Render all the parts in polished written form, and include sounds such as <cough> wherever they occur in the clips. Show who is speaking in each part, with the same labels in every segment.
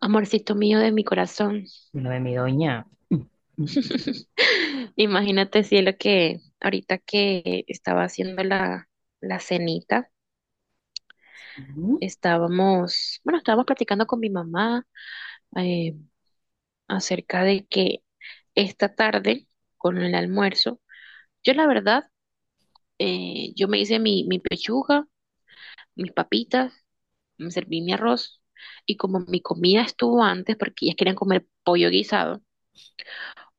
Speaker 1: Amorcito mío de mi corazón.
Speaker 2: No, de mi doña.
Speaker 1: <laughs> Imagínate, cielo, que ahorita que estaba haciendo la cenita,
Speaker 2: Ujú.
Speaker 1: estábamos, bueno, estábamos platicando con mi mamá eh, acerca de que esta tarde, con el almuerzo, yo la verdad, yo me hice mi pechuga, mis papitas, me serví mi arroz, y como mi comida estuvo antes, porque ellas querían comer pollo guisado,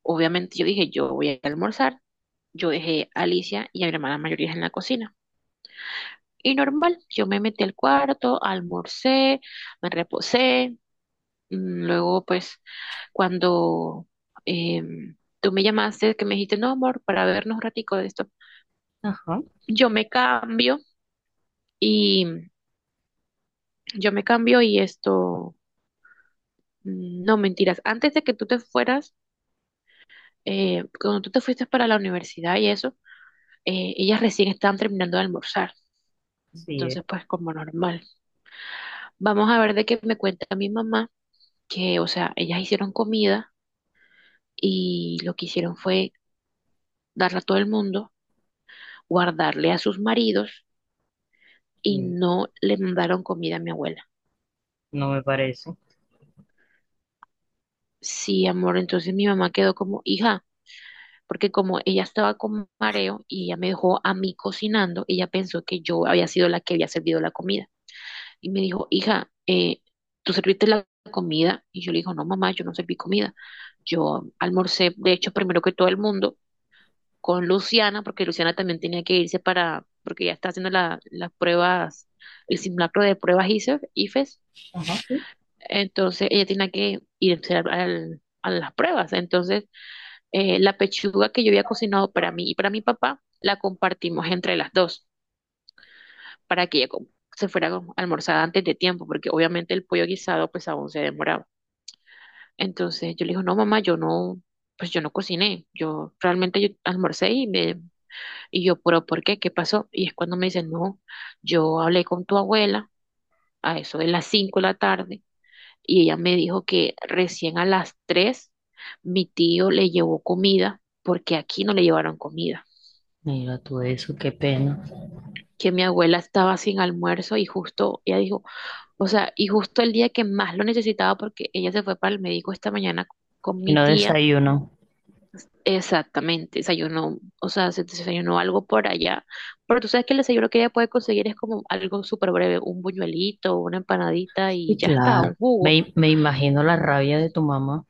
Speaker 1: obviamente yo dije, yo voy a almorzar. Yo dejé a Alicia y a mi hermana mayor en la cocina. Y normal, yo me metí al cuarto, almorcé, me reposé. Luego, pues, cuando tú me llamaste, que me dijiste, no, amor, para vernos un ratico de esto,
Speaker 2: Ajá,
Speaker 1: yo me cambio y yo me cambio y esto, no mentiras, antes de que tú te fueras, cuando tú te fuiste para la universidad y eso, ellas recién estaban terminando de almorzar.
Speaker 2: sí, es
Speaker 1: Entonces, pues como normal. Vamos a ver de qué me cuenta mi mamá, que, o sea, ellas hicieron comida y lo que hicieron fue darla a todo el mundo, guardarle a sus maridos y
Speaker 2: que
Speaker 1: no le mandaron comida a mi abuela.
Speaker 2: no me parece.
Speaker 1: Sí, amor, entonces mi mamá quedó como hija, porque como ella estaba con mareo y ella me dejó a mí cocinando, ella pensó que yo había sido la que había servido la comida. Y me dijo, hija, ¿tú serviste la comida? Y yo le digo, no, mamá, yo no serví comida. Yo almorcé, de hecho, primero que todo el mundo, con Luciana, porque Luciana también tenía que irse para, porque ella está haciendo las pruebas, el simulacro de pruebas ICEF, IFES,
Speaker 2: Ajá, sí.
Speaker 1: entonces ella tenía que irse a las pruebas. Entonces, la pechuga que yo había cocinado para mí y para mi papá, la compartimos entre las dos, para que se fuera a almorzar antes de tiempo, porque obviamente el pollo guisado pues aún se demoraba. Entonces yo le digo, no mamá, yo no, pues yo no cociné, yo realmente yo almorcé y yo, pero ¿por qué? ¿Qué pasó? Y es cuando me dice, no, yo hablé con tu abuela a eso de las 5 de la tarde y ella me dijo que recién a las 3 mi tío le llevó comida porque aquí no le llevaron comida,
Speaker 2: Mira tú eso, qué pena.
Speaker 1: que mi abuela estaba sin almuerzo y justo ella dijo, o sea, y justo el día que más lo necesitaba porque ella se fue para el médico esta mañana con
Speaker 2: Y
Speaker 1: mi
Speaker 2: no
Speaker 1: tía.
Speaker 2: desayuno.
Speaker 1: Exactamente, desayunó, o sea, se desayunó algo por allá. Pero tú sabes que el desayuno que ella puede conseguir es como algo súper breve, un buñuelito, una empanadita y
Speaker 2: Y
Speaker 1: ya está, un
Speaker 2: claro,
Speaker 1: jugo.
Speaker 2: me imagino la rabia de tu mamá.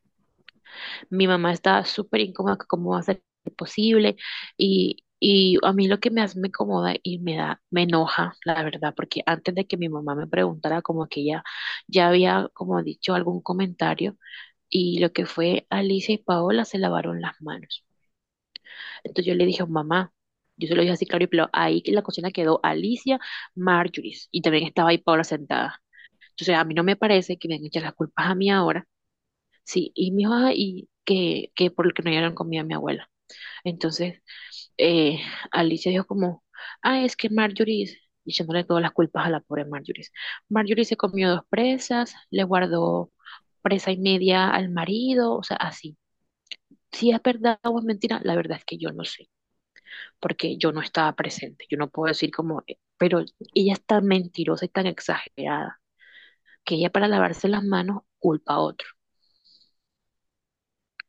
Speaker 1: Mi mamá está súper incómoda, que cómo va a ser posible. Y a mí lo que me incomoda y me me enoja, la verdad, porque antes de que mi mamá me preguntara, como que ella ya había como dicho algún comentario. Y lo que fue Alicia y Paola se lavaron las manos. Entonces yo le dije, mamá, yo se lo dije así claro y pero ahí en la cocina quedó Alicia, Marjorie, y también estaba ahí Paola sentada. Entonces a mí no me parece que me han hecho las culpas a mí ahora. Sí, y mi hija, que por lo que no dieron comida a mi abuela. Entonces eh, Alicia dijo como, ah, es que Marjorie, y echándole todas las culpas a la pobre Marjorie. Marjorie se comió dos presas, le guardó presa y media al marido, o sea, así. Si es verdad o es mentira, la verdad es que yo no sé, porque yo no estaba presente. Yo no puedo decir como, pero ella es tan mentirosa y tan exagerada que ella para lavarse las manos culpa a otro.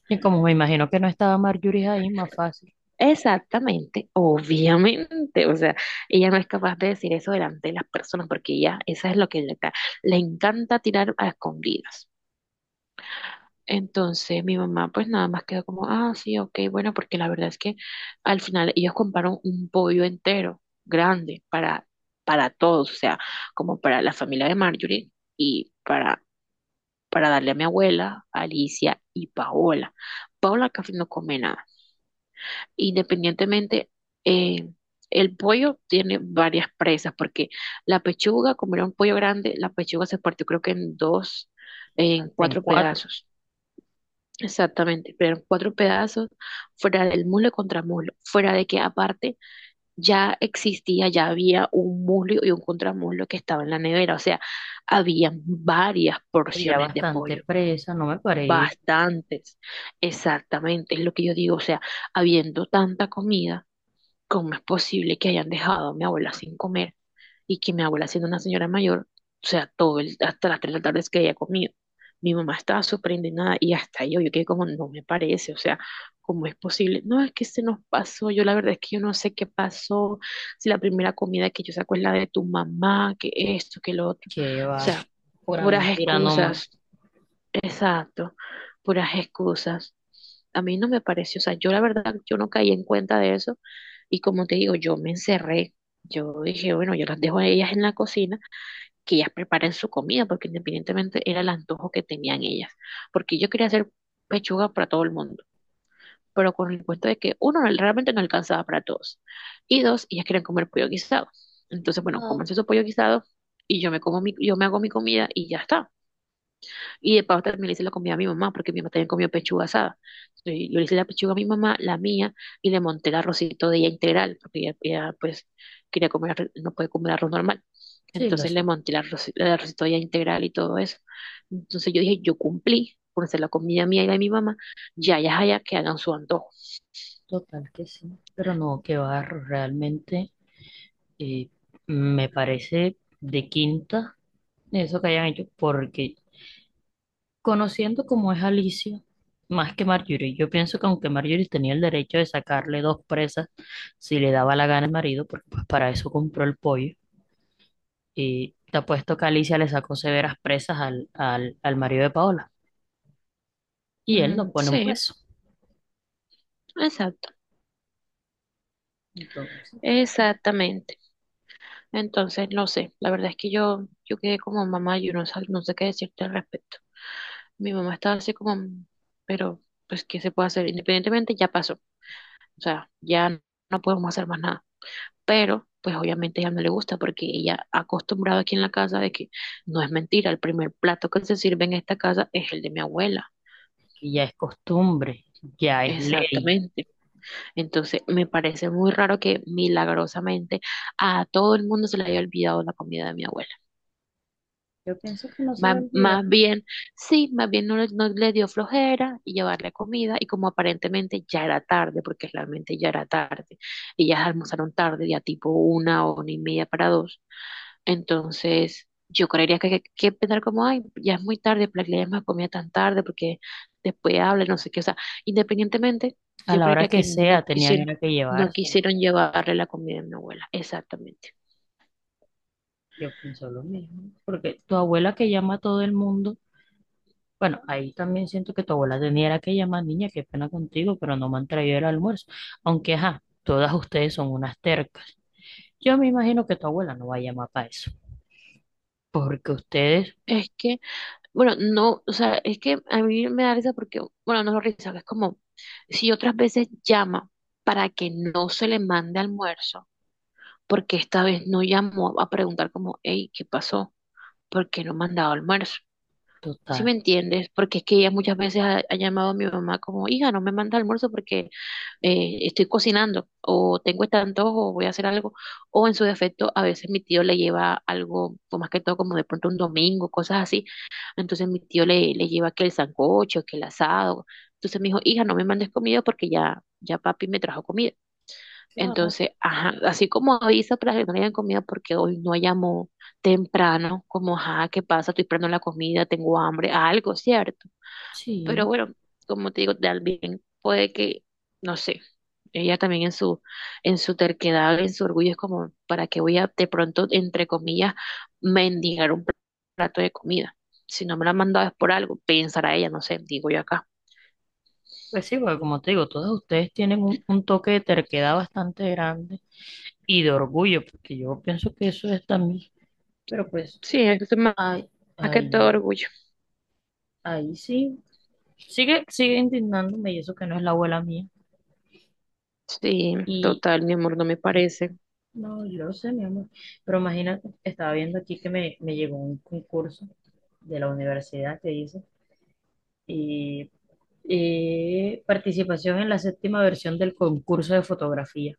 Speaker 2: Y como me imagino que no estaba Marjorie ahí, más fácil.
Speaker 1: Exactamente, obviamente, o sea, ella no es capaz de decir eso delante de las personas porque esa es lo que le encanta tirar a escondidas. Entonces mi mamá pues nada más quedó como, ah, sí, ok, bueno, porque la verdad es que al final ellos compraron un pollo entero, grande, para todos, o sea, como para la familia de Marjorie y para darle a mi abuela, Alicia y Paola. Paola casi no come nada. Independientemente, eh, el pollo tiene varias presas, porque la pechuga, como era un pollo grande, la pechuga se partió creo que en dos, en
Speaker 2: Hasta en
Speaker 1: cuatro
Speaker 2: cuatro.
Speaker 1: pedazos. Exactamente, pero eran cuatro pedazos fuera del muslo y contramuslo, fuera de que aparte ya existía, ya había un muslo y un contramuslo que estaba en la nevera, o sea, había varias
Speaker 2: Estoy ya
Speaker 1: porciones de
Speaker 2: bastante
Speaker 1: pollo,
Speaker 2: presa, no me parece.
Speaker 1: bastantes, exactamente, es lo que yo digo, o sea, habiendo tanta comida, ¿cómo es posible que hayan dejado a mi abuela sin comer y que mi abuela siendo una señora mayor, o sea, todo el, hasta las tres de la tarde es que haya comido? Mi mamá estaba súper indignada y hasta yo quedé como, no me parece, o sea, ¿cómo es posible? No, es que se nos pasó, yo la verdad es que yo no sé qué pasó, si la primera comida que yo saco es la de tu mamá, que esto, que lo otro,
Speaker 2: Que
Speaker 1: o
Speaker 2: va,
Speaker 1: sea,
Speaker 2: pura
Speaker 1: puras
Speaker 2: mentira nomás.
Speaker 1: excusas. Exacto, puras excusas. A mí no me pareció, o sea, yo la verdad, yo no caí en cuenta de eso y como te digo, yo me encerré, yo dije, bueno, yo las dejo a ellas en la cocina, que ellas preparen su comida, porque independientemente era el antojo que tenían ellas, porque yo quería hacer pechuga para todo el mundo, pero con el cuento de que uno no- realmente no alcanzaba para todos y dos, ellas querían comer pollo guisado. Entonces, bueno,
Speaker 2: No,
Speaker 1: cómanse su pollo guisado y yo me como mi, yo me hago mi comida y ya está. Y de paso también le hice la comida a mi mamá, porque mi mamá también comió pechuga asada. Entonces, yo le hice la pechuga a mi mamá, la mía, y le monté el arrocito de ella integral, porque ella, pues quería comer, no puede comer arroz normal.
Speaker 2: sí, lo
Speaker 1: Entonces le
Speaker 2: sé,
Speaker 1: monté el arrocito de ella integral y todo eso. Entonces yo dije, yo cumplí por hacer la comida mía y la de mi mamá, ya, que hagan su antojo.
Speaker 2: total que sí. Pero no, que va, realmente, eh, me parece de quinta eso que hayan hecho, porque conociendo cómo es Alicia, más que Marjorie, yo pienso que aunque Marjorie tenía el derecho de sacarle dos presas si le daba la gana al marido, porque pues para eso compró el pollo, y te apuesto que Alicia le sacó severas presas al marido de Paola, y él no
Speaker 1: Mm,
Speaker 2: pone un
Speaker 1: sí,
Speaker 2: peso.
Speaker 1: exacto,
Speaker 2: Entonces,
Speaker 1: exactamente. Entonces, no sé, la verdad es que yo quedé como mamá, yo no, sab- no sé qué decirte al respecto. Mi mamá estaba así como, pero pues, ¿qué se puede hacer? Independientemente, ya pasó. O sea, no podemos hacer más nada. Pero, pues obviamente a ella no le gusta porque ella acostumbrada aquí en la casa de que no es mentira, el primer plato que se sirve en esta casa es el de mi abuela.
Speaker 2: que ya es costumbre, ya es ley.
Speaker 1: Exactamente. Entonces, me parece muy raro que milagrosamente a todo el mundo se le haya olvidado la comida de mi abuela.
Speaker 2: Yo pienso que no se le olvida.
Speaker 1: Más bien, sí, más bien no, le no le dio flojera y llevarle comida y como aparentemente ya era tarde, porque realmente ya era tarde, ellas almorzaron tarde, ya tipo una o una y media para dos, entonces yo creería que que pensar como, ay, ya es muy tarde, para que le den más comida tan tarde, porque después habla, no sé qué, o sea, independientemente,
Speaker 2: A
Speaker 1: yo
Speaker 2: la hora
Speaker 1: creería
Speaker 2: que
Speaker 1: que no
Speaker 2: sea, tenían
Speaker 1: quisieron,
Speaker 2: era que
Speaker 1: no
Speaker 2: llevárselo.
Speaker 1: quisieron llevarle la comida a mi abuela, exactamente.
Speaker 2: Yo pienso lo mismo, porque tu abuela que llama a todo el mundo. Bueno, ahí también siento que tu abuela tenía era que llamar niña, qué pena contigo, pero no me han traído el almuerzo. Aunque, ajá, todas ustedes son unas tercas. Yo me imagino que tu abuela no va a llamar para eso. Porque ustedes,
Speaker 1: Es que Bueno, no, o sea, es que a mí me da risa porque, bueno, no es risa, es como si otras veces llama para que no se le mande almuerzo, porque esta vez no llamó a preguntar como, hey, ¿qué pasó? ¿Por qué no me han dado almuerzo? ¿Sí
Speaker 2: total,
Speaker 1: me entiendes? Porque es que ella muchas veces ha llamado a mi mamá como, hija, no me manda almuerzo porque estoy cocinando, o tengo este antojo, o voy a hacer algo, o en su defecto, a veces mi tío le lleva algo, o más que todo como de pronto un domingo, cosas así, entonces mi tío le lleva que el sancocho, que el asado. Entonces me dijo, hija, no me mandes comida porque ya papi me trajo comida.
Speaker 2: claro,
Speaker 1: Entonces, ajá, así como avisa para que no le hayan comida porque hoy no llamó temprano, como, ajá, ¿qué pasa? Estoy esperando la comida, tengo hambre, algo, ¿cierto? Pero
Speaker 2: sí.
Speaker 1: bueno, como te digo, también puede que, no sé, ella también en en su terquedad, en su orgullo, es como, ¿para qué voy a de pronto, entre comillas, mendigar un plato de comida? Si no me la han mandado es por algo, pensará ella, no sé, digo yo acá.
Speaker 2: Pues sí, porque como te digo, todas ustedes tienen un toque de terquedad bastante grande y de orgullo, porque yo pienso que eso es también. Pero pues,
Speaker 1: Sí, es más,
Speaker 2: ahí,
Speaker 1: más que todo
Speaker 2: ahí,
Speaker 1: orgullo.
Speaker 2: ahí sí. Sigue indignándome y eso que no es la abuela mía.
Speaker 1: Sí, total, mi amor, no me parece.
Speaker 2: No, yo lo sé, mi amor. Pero imagínate, estaba viendo aquí que me llegó un concurso de la universidad que dice, y, y participación en la séptima versión del concurso de fotografía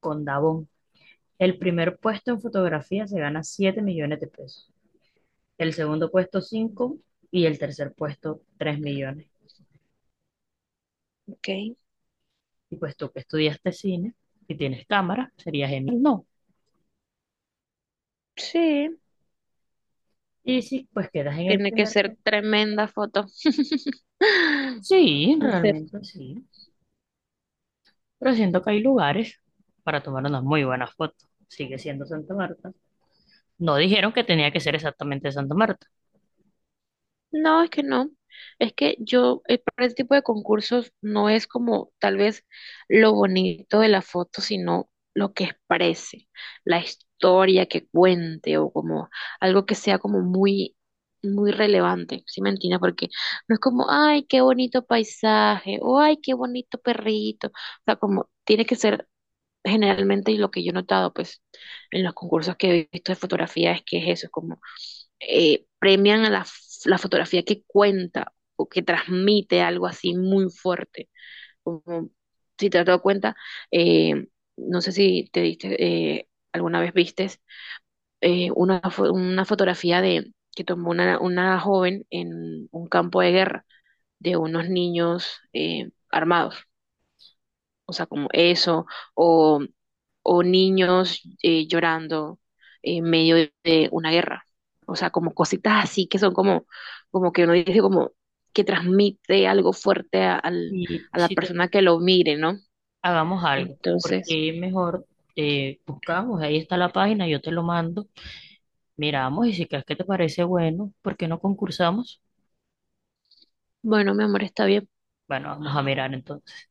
Speaker 2: con Davón. El primer puesto en fotografía se gana 7 millones de pesos, el segundo puesto 5 y el tercer puesto 3 millones.
Speaker 1: Ok,
Speaker 2: Y pues tú que estudiaste cine y tienes cámara, sería genial, ¿no?
Speaker 1: sí,
Speaker 2: Y si pues quedas en el
Speaker 1: tiene que
Speaker 2: primer
Speaker 1: ser
Speaker 2: puesto.
Speaker 1: tremenda foto. <laughs>
Speaker 2: Sí,
Speaker 1: Tiene que ser
Speaker 2: realmente sí. Pero siento que hay lugares para tomar unas muy buenas fotos. Sigue siendo Santa Marta. No dijeron que tenía que ser exactamente Santa Marta.
Speaker 1: no, es que no. Es que yo, para este tipo de concursos no es como tal vez lo bonito de la foto, sino lo que exprese, la historia que cuente o como algo que sea como muy, muy relevante, ¿sí me entiendes? Porque no es como, ay, qué bonito paisaje o ay, qué bonito perrito. O sea, como tiene que ser generalmente y lo que yo he notado, pues, en los concursos que he visto de fotografía es que es eso, es como premian a la fotografía que cuenta o que transmite algo así muy fuerte. Como, si te has dado cuenta, eh, no sé si te diste, alguna vez vistes una fotografía de que tomó una joven en un campo de guerra de unos niños armados. O sea, como eso, o, o niños llorando en medio de una guerra. O sea, como cositas así que son como, como que uno dice como que transmite algo fuerte al-
Speaker 2: Y
Speaker 1: a la
Speaker 2: si te-
Speaker 1: persona que lo mire, ¿no?
Speaker 2: Hagamos algo,
Speaker 1: Entonces,
Speaker 2: porque mejor, buscamos, ahí está la página, yo te lo mando, miramos y si crees que te parece bueno, ¿por qué no concursamos?
Speaker 1: bueno, mi amor, está bien.
Speaker 2: Bueno, vamos a mirar entonces.